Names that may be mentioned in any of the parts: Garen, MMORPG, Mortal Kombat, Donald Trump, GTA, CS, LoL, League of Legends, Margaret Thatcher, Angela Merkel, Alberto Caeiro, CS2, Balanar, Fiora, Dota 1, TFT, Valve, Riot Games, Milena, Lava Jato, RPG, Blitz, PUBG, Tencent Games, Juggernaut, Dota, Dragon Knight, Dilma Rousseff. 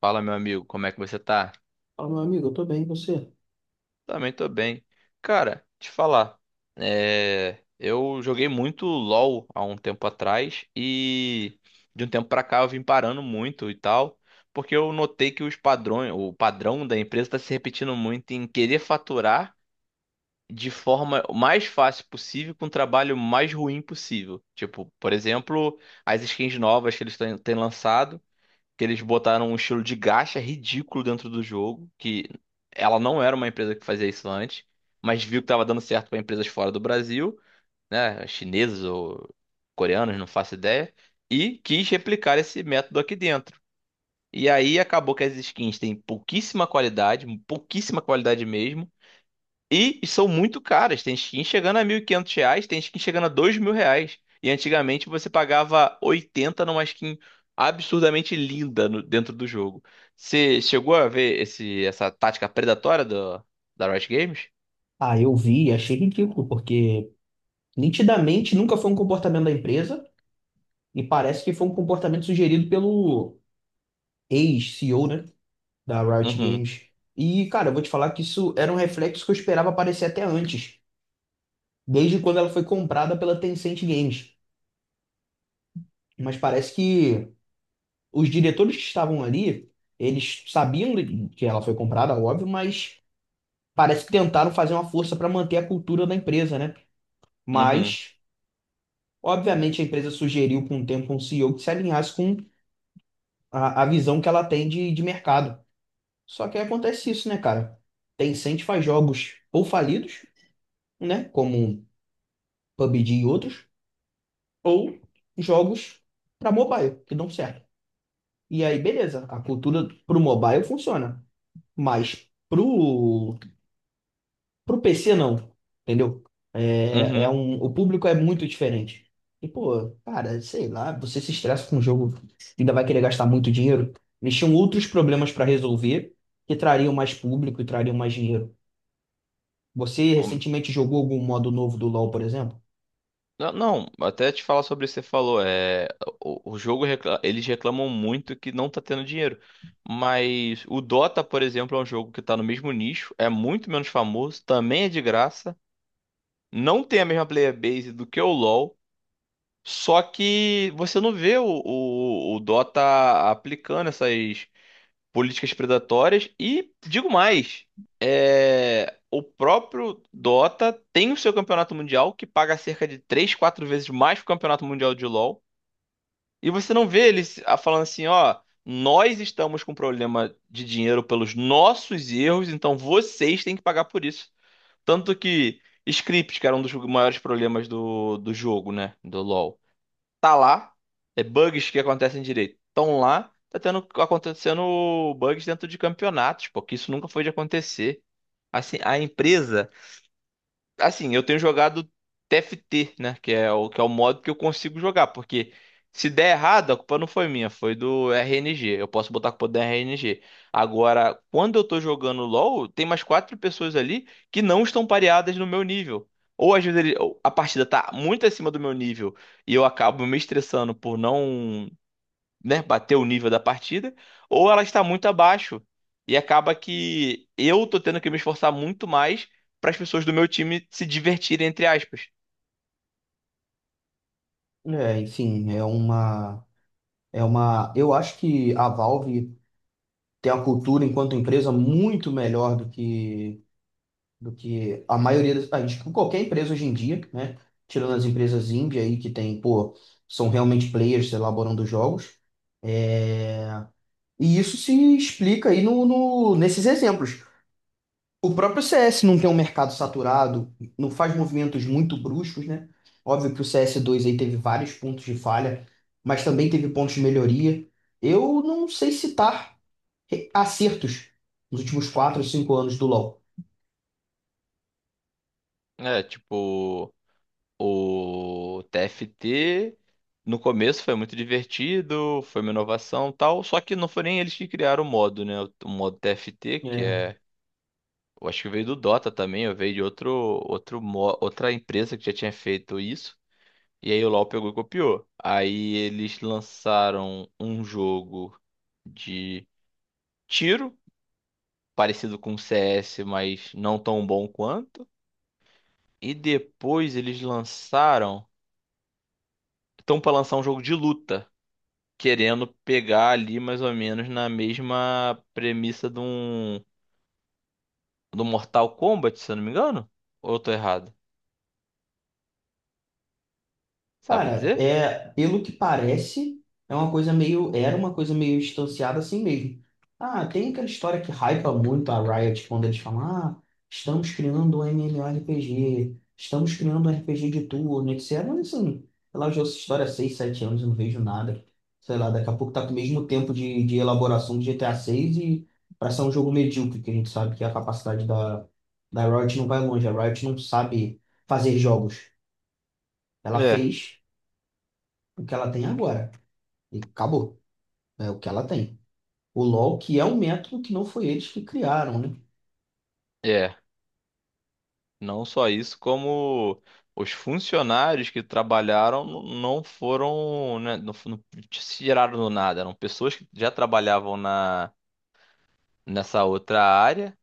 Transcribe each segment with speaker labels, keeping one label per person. Speaker 1: Fala, meu amigo, como é que você tá?
Speaker 2: Fala, meu amigo, eu tô bem, e você?
Speaker 1: Também tô bem. Cara, te falar, eu joguei muito LoL há um tempo atrás e de um tempo pra cá eu vim parando muito e tal, porque eu notei que o padrão da empresa tá se repetindo muito em querer faturar de forma mais fácil possível com o trabalho mais ruim possível. Tipo, por exemplo, as skins novas que eles têm lançado. Que eles botaram um estilo de gacha ridículo dentro do jogo, que ela não era uma empresa que fazia isso antes, mas viu que estava dando certo para empresas fora do Brasil, né, chineses ou coreanos, não faço ideia, e quis replicar esse método aqui dentro. E aí acabou que as skins têm pouquíssima qualidade mesmo, e são muito caras. Tem skin chegando a R$ 1.500, tem skin chegando a R$ 2.000. E antigamente você pagava 80 numa skin absurdamente linda dentro do jogo. Você chegou a ver essa tática predatória da Riot Games?
Speaker 2: Ah, eu vi, e achei ridículo, porque nitidamente nunca foi um comportamento da empresa e parece que foi um comportamento sugerido pelo ex-CEO, né, da Riot
Speaker 1: Uhum,
Speaker 2: Games. E, cara, eu vou te falar que isso era um reflexo que eu esperava aparecer até antes, desde quando ela foi comprada pela Tencent Games. Mas parece que os diretores que estavam ali, eles sabiam que ela foi comprada, óbvio, mas parece que tentaram fazer uma força para manter a cultura da empresa, né?
Speaker 1: uhum,
Speaker 2: Mas obviamente, a empresa sugeriu com o tempo um CEO que se alinhasse com a visão que ela tem de mercado. Só que aí acontece isso, né, cara? Tencent faz jogos ou falidos, né, como PUBG e outros, ou jogos para mobile, que dão certo. E aí, beleza, a cultura pro mobile funciona, mas pro PC, não. Entendeu?
Speaker 1: uhum.
Speaker 2: O público é muito diferente. E, pô, cara, sei lá, você se estressa com o jogo, ainda vai querer gastar muito dinheiro. Eles tinham outros problemas para resolver que trariam mais público e trariam mais dinheiro. Você
Speaker 1: Um,
Speaker 2: recentemente jogou algum modo novo do LoL, por exemplo?
Speaker 1: Não, não, até te falar sobre isso que você falou. O jogo, eles reclamam muito que não tá tendo dinheiro. Mas o Dota, por exemplo, é um jogo que tá no mesmo nicho, é muito menos famoso, também é de graça. Não tem a mesma player base do que o LoL, só que você não vê o Dota aplicando essas políticas predatórias e digo mais, o próprio Dota tem o seu campeonato mundial que paga cerca de 3, 4 vezes mais que o campeonato mundial de LoL e você não vê eles falando assim, ó, nós estamos com problema de dinheiro pelos nossos erros, então vocês têm que pagar por isso. Tanto que script, que era um dos maiores problemas do jogo, né? Do LoL. Tá lá, é bugs que acontecem direito. Tão lá, tá tendo acontecendo bugs dentro de campeonatos, porque isso nunca foi de acontecer. Assim, a empresa. Assim, eu tenho jogado TFT, né? Que é o modo que eu consigo jogar. Porque se der errado, a culpa não foi minha, foi do RNG. Eu posso botar a culpa do RNG. Agora, quando eu tô jogando LoL, tem mais 4 pessoas ali que não estão pareadas no meu nível. Ou às vezes ele- Ou a partida tá muito acima do meu nível e eu acabo me estressando por não, né, bater o nível da partida, ou ela está muito abaixo. E acaba que eu tô tendo que me esforçar muito mais para as pessoas do meu time se divertirem, entre aspas.
Speaker 2: É, enfim, é uma. Eu acho que a Valve tem uma cultura enquanto empresa muito melhor do que a maioria das, acho que qualquer empresa hoje em dia, né? Tirando as empresas indie aí que tem, pô, são realmente players elaborando jogos. É, e isso se explica aí nesses exemplos. O próprio CS não tem um mercado saturado, não faz movimentos muito bruscos, né? Óbvio que o CS2 aí teve vários pontos de falha, mas também teve pontos de melhoria. Eu não sei citar acertos nos últimos 4 ou 5 anos do LoL.
Speaker 1: É, tipo, o TFT no começo foi muito divertido, foi uma inovação e tal, só que não foi nem eles que criaram o modo, né? O modo TFT, que é. Eu acho que veio do Dota também, eu veio de outro, outra empresa que já tinha feito isso. E aí o LoL pegou e copiou. Aí eles lançaram um jogo de tiro, parecido com o CS, mas não tão bom quanto. E depois eles lançaram, estão para lançar um jogo de luta, querendo pegar ali mais ou menos na mesma premissa de um do Mortal Kombat, se eu não me engano. Ou eu tô errado? Sabe
Speaker 2: Cara,
Speaker 1: dizer?
Speaker 2: é, pelo que parece, era uma coisa meio distanciada assim mesmo. Ah, tem aquela história que hypa muito a Riot quando eles falam, ah, estamos criando um MMORPG, estamos criando um RPG de turno, etc. Mas assim, sei lá, eu já ouço essa história há 6, 7 anos, eu não vejo nada. Sei lá, daqui a pouco tá com o mesmo tempo de elaboração do GTA 6 e para ser um jogo medíocre, que a gente sabe que a capacidade da Riot não vai longe, a Riot não sabe fazer jogos. Ela
Speaker 1: É.
Speaker 2: fez o que ela tem agora. E acabou. É o que ela tem. O LoL, que é um método que não foi eles que criaram, né?
Speaker 1: É. Não só isso, como os funcionários que trabalharam não foram, né, não se tiraram do nada. Eram pessoas que já trabalhavam nessa outra área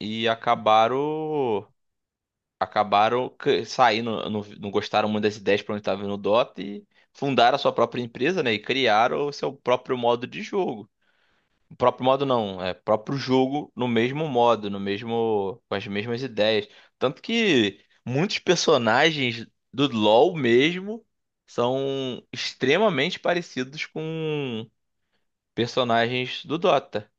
Speaker 1: e saindo, não, não gostaram muito das ideias para onde estava indo o Dota e fundaram a sua própria empresa, né, e criaram o seu próprio modo de jogo. O próprio modo não, é próprio jogo no mesmo modo, no mesmo, com as mesmas ideias. Tanto que muitos personagens do LoL mesmo são extremamente parecidos com personagens do Dota,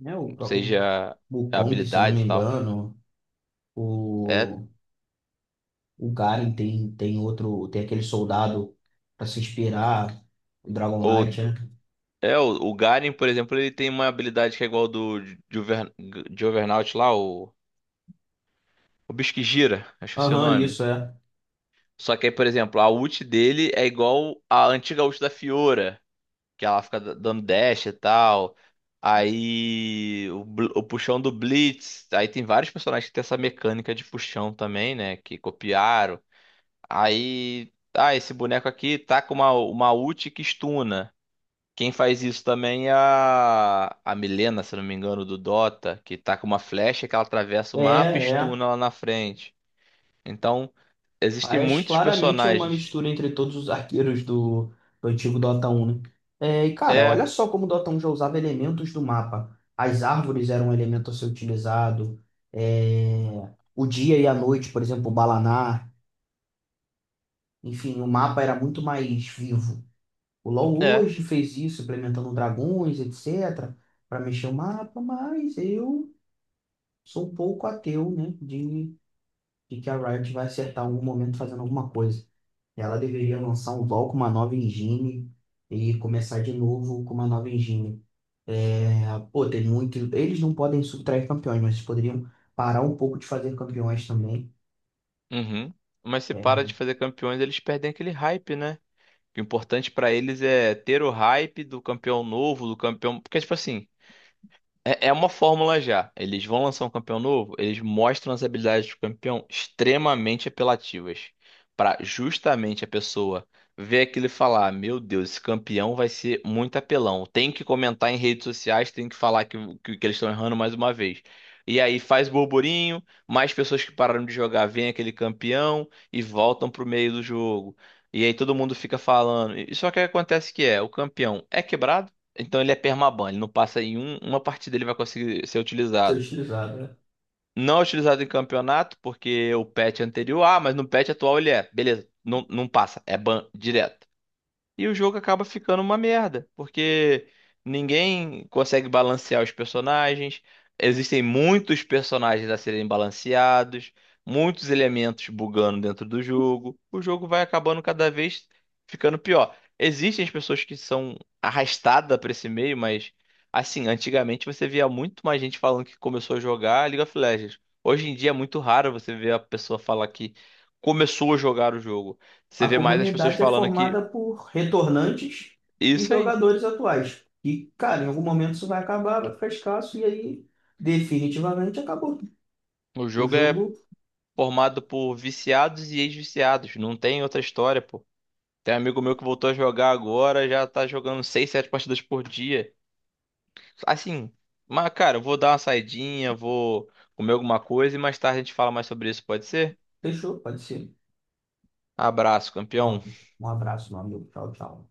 Speaker 2: Né, O, o,
Speaker 1: seja
Speaker 2: o Kong, se eu não me
Speaker 1: habilidades e tal.
Speaker 2: engano,
Speaker 1: É,
Speaker 2: o, o Garen tem outro, tem aquele soldado para se inspirar, o Dragon
Speaker 1: ou,
Speaker 2: Knight, né?
Speaker 1: é o Garen, por exemplo, ele tem uma habilidade que é igual do Juver- Juggernaut lá, o bicho que gira, acho que é o seu
Speaker 2: Aham,
Speaker 1: nome.
Speaker 2: isso é.
Speaker 1: Só que aí, por exemplo, a ult dele é igual a antiga ult da Fiora, que ela fica dando dash e tal. Aí o puxão do Blitz. Aí tem vários personagens que tem essa mecânica de puxão também, né? Que copiaram. Aí, ah, esse boneco aqui tá com uma ult que stuna. Quem faz isso também é a Milena, se não me engano, do Dota, que tá com uma flecha que ela atravessa o mapa e
Speaker 2: É, é.
Speaker 1: stuna lá na frente. Então, existem
Speaker 2: Mas
Speaker 1: muitos
Speaker 2: claramente é uma
Speaker 1: personagens.
Speaker 2: mistura entre todos os arqueiros do antigo Dota 1, né? É, e cara, olha
Speaker 1: É,
Speaker 2: só como o Dota 1 já usava elementos do mapa. As árvores eram um elemento a ser utilizado, é, o dia e a noite, por exemplo, o Balanar. Enfim, o mapa era muito mais vivo. O LoL
Speaker 1: é.
Speaker 2: hoje fez isso, implementando dragões, etc., para mexer o mapa, mas eu sou um pouco ateu, né, de que a Riot vai acertar em algum momento fazendo alguma coisa. Ela deveria lançar um LoL com uma nova engine e começar de novo com uma nova engine. É, pô, tem muito. Eles não podem subtrair campeões, mas eles poderiam parar um pouco de fazer campeões também.
Speaker 1: Uhum. Mas se
Speaker 2: É,
Speaker 1: para de fazer campeões, eles perdem aquele hype, né? O importante pra eles é ter o hype do campeão novo, do campeão. Porque, tipo assim, é uma fórmula já. Eles vão lançar um campeão novo, eles mostram as habilidades do campeão extremamente apelativas. Pra justamente a pessoa ver aquilo e falar: Meu Deus, esse campeão vai ser muito apelão. Tem que comentar em redes sociais, tem que falar que eles estão errando mais uma vez. E aí faz burburinho, mais pessoas que pararam de jogar veem aquele campeão e voltam pro meio do jogo. E aí todo mundo fica falando. E só que acontece o campeão é quebrado, então ele é permaban, ele não passa em uma partida ele vai conseguir ser
Speaker 2: ser
Speaker 1: utilizado.
Speaker 2: utilizado, né?
Speaker 1: Não é utilizado em campeonato, porque o patch anterior, ah, mas no patch atual ele é. Beleza, não, não passa, é ban direto. E o jogo acaba ficando uma merda, porque ninguém consegue balancear os personagens. Existem muitos personagens a serem balanceados, muitos elementos bugando dentro do jogo. O jogo vai acabando cada vez ficando pior. Existem as pessoas que são arrastadas para esse meio, mas assim, antigamente você via muito mais gente falando que começou a jogar League of Legends. Hoje em dia é muito raro você ver a pessoa falar que começou a jogar o jogo. Você
Speaker 2: A
Speaker 1: vê mais as pessoas
Speaker 2: comunidade é
Speaker 1: falando
Speaker 2: formada
Speaker 1: que
Speaker 2: por retornantes e
Speaker 1: isso aí.
Speaker 2: jogadores atuais. E, cara, em algum momento isso vai acabar, vai ficar escasso, e aí definitivamente acabou.
Speaker 1: O
Speaker 2: O
Speaker 1: jogo é
Speaker 2: jogo
Speaker 1: formado por viciados e ex-viciados. Não tem outra história, pô. Tem um amigo meu que voltou a jogar agora, já tá jogando 6, 7 partidas por dia. Assim, mas cara, eu vou dar uma saidinha, vou comer alguma coisa e mais tarde a gente fala mais sobre isso, pode ser?
Speaker 2: Fechou, pode ser.
Speaker 1: Abraço,
Speaker 2: Ó,
Speaker 1: campeão.
Speaker 2: um abraço, meu amigo. Tchau, tchau.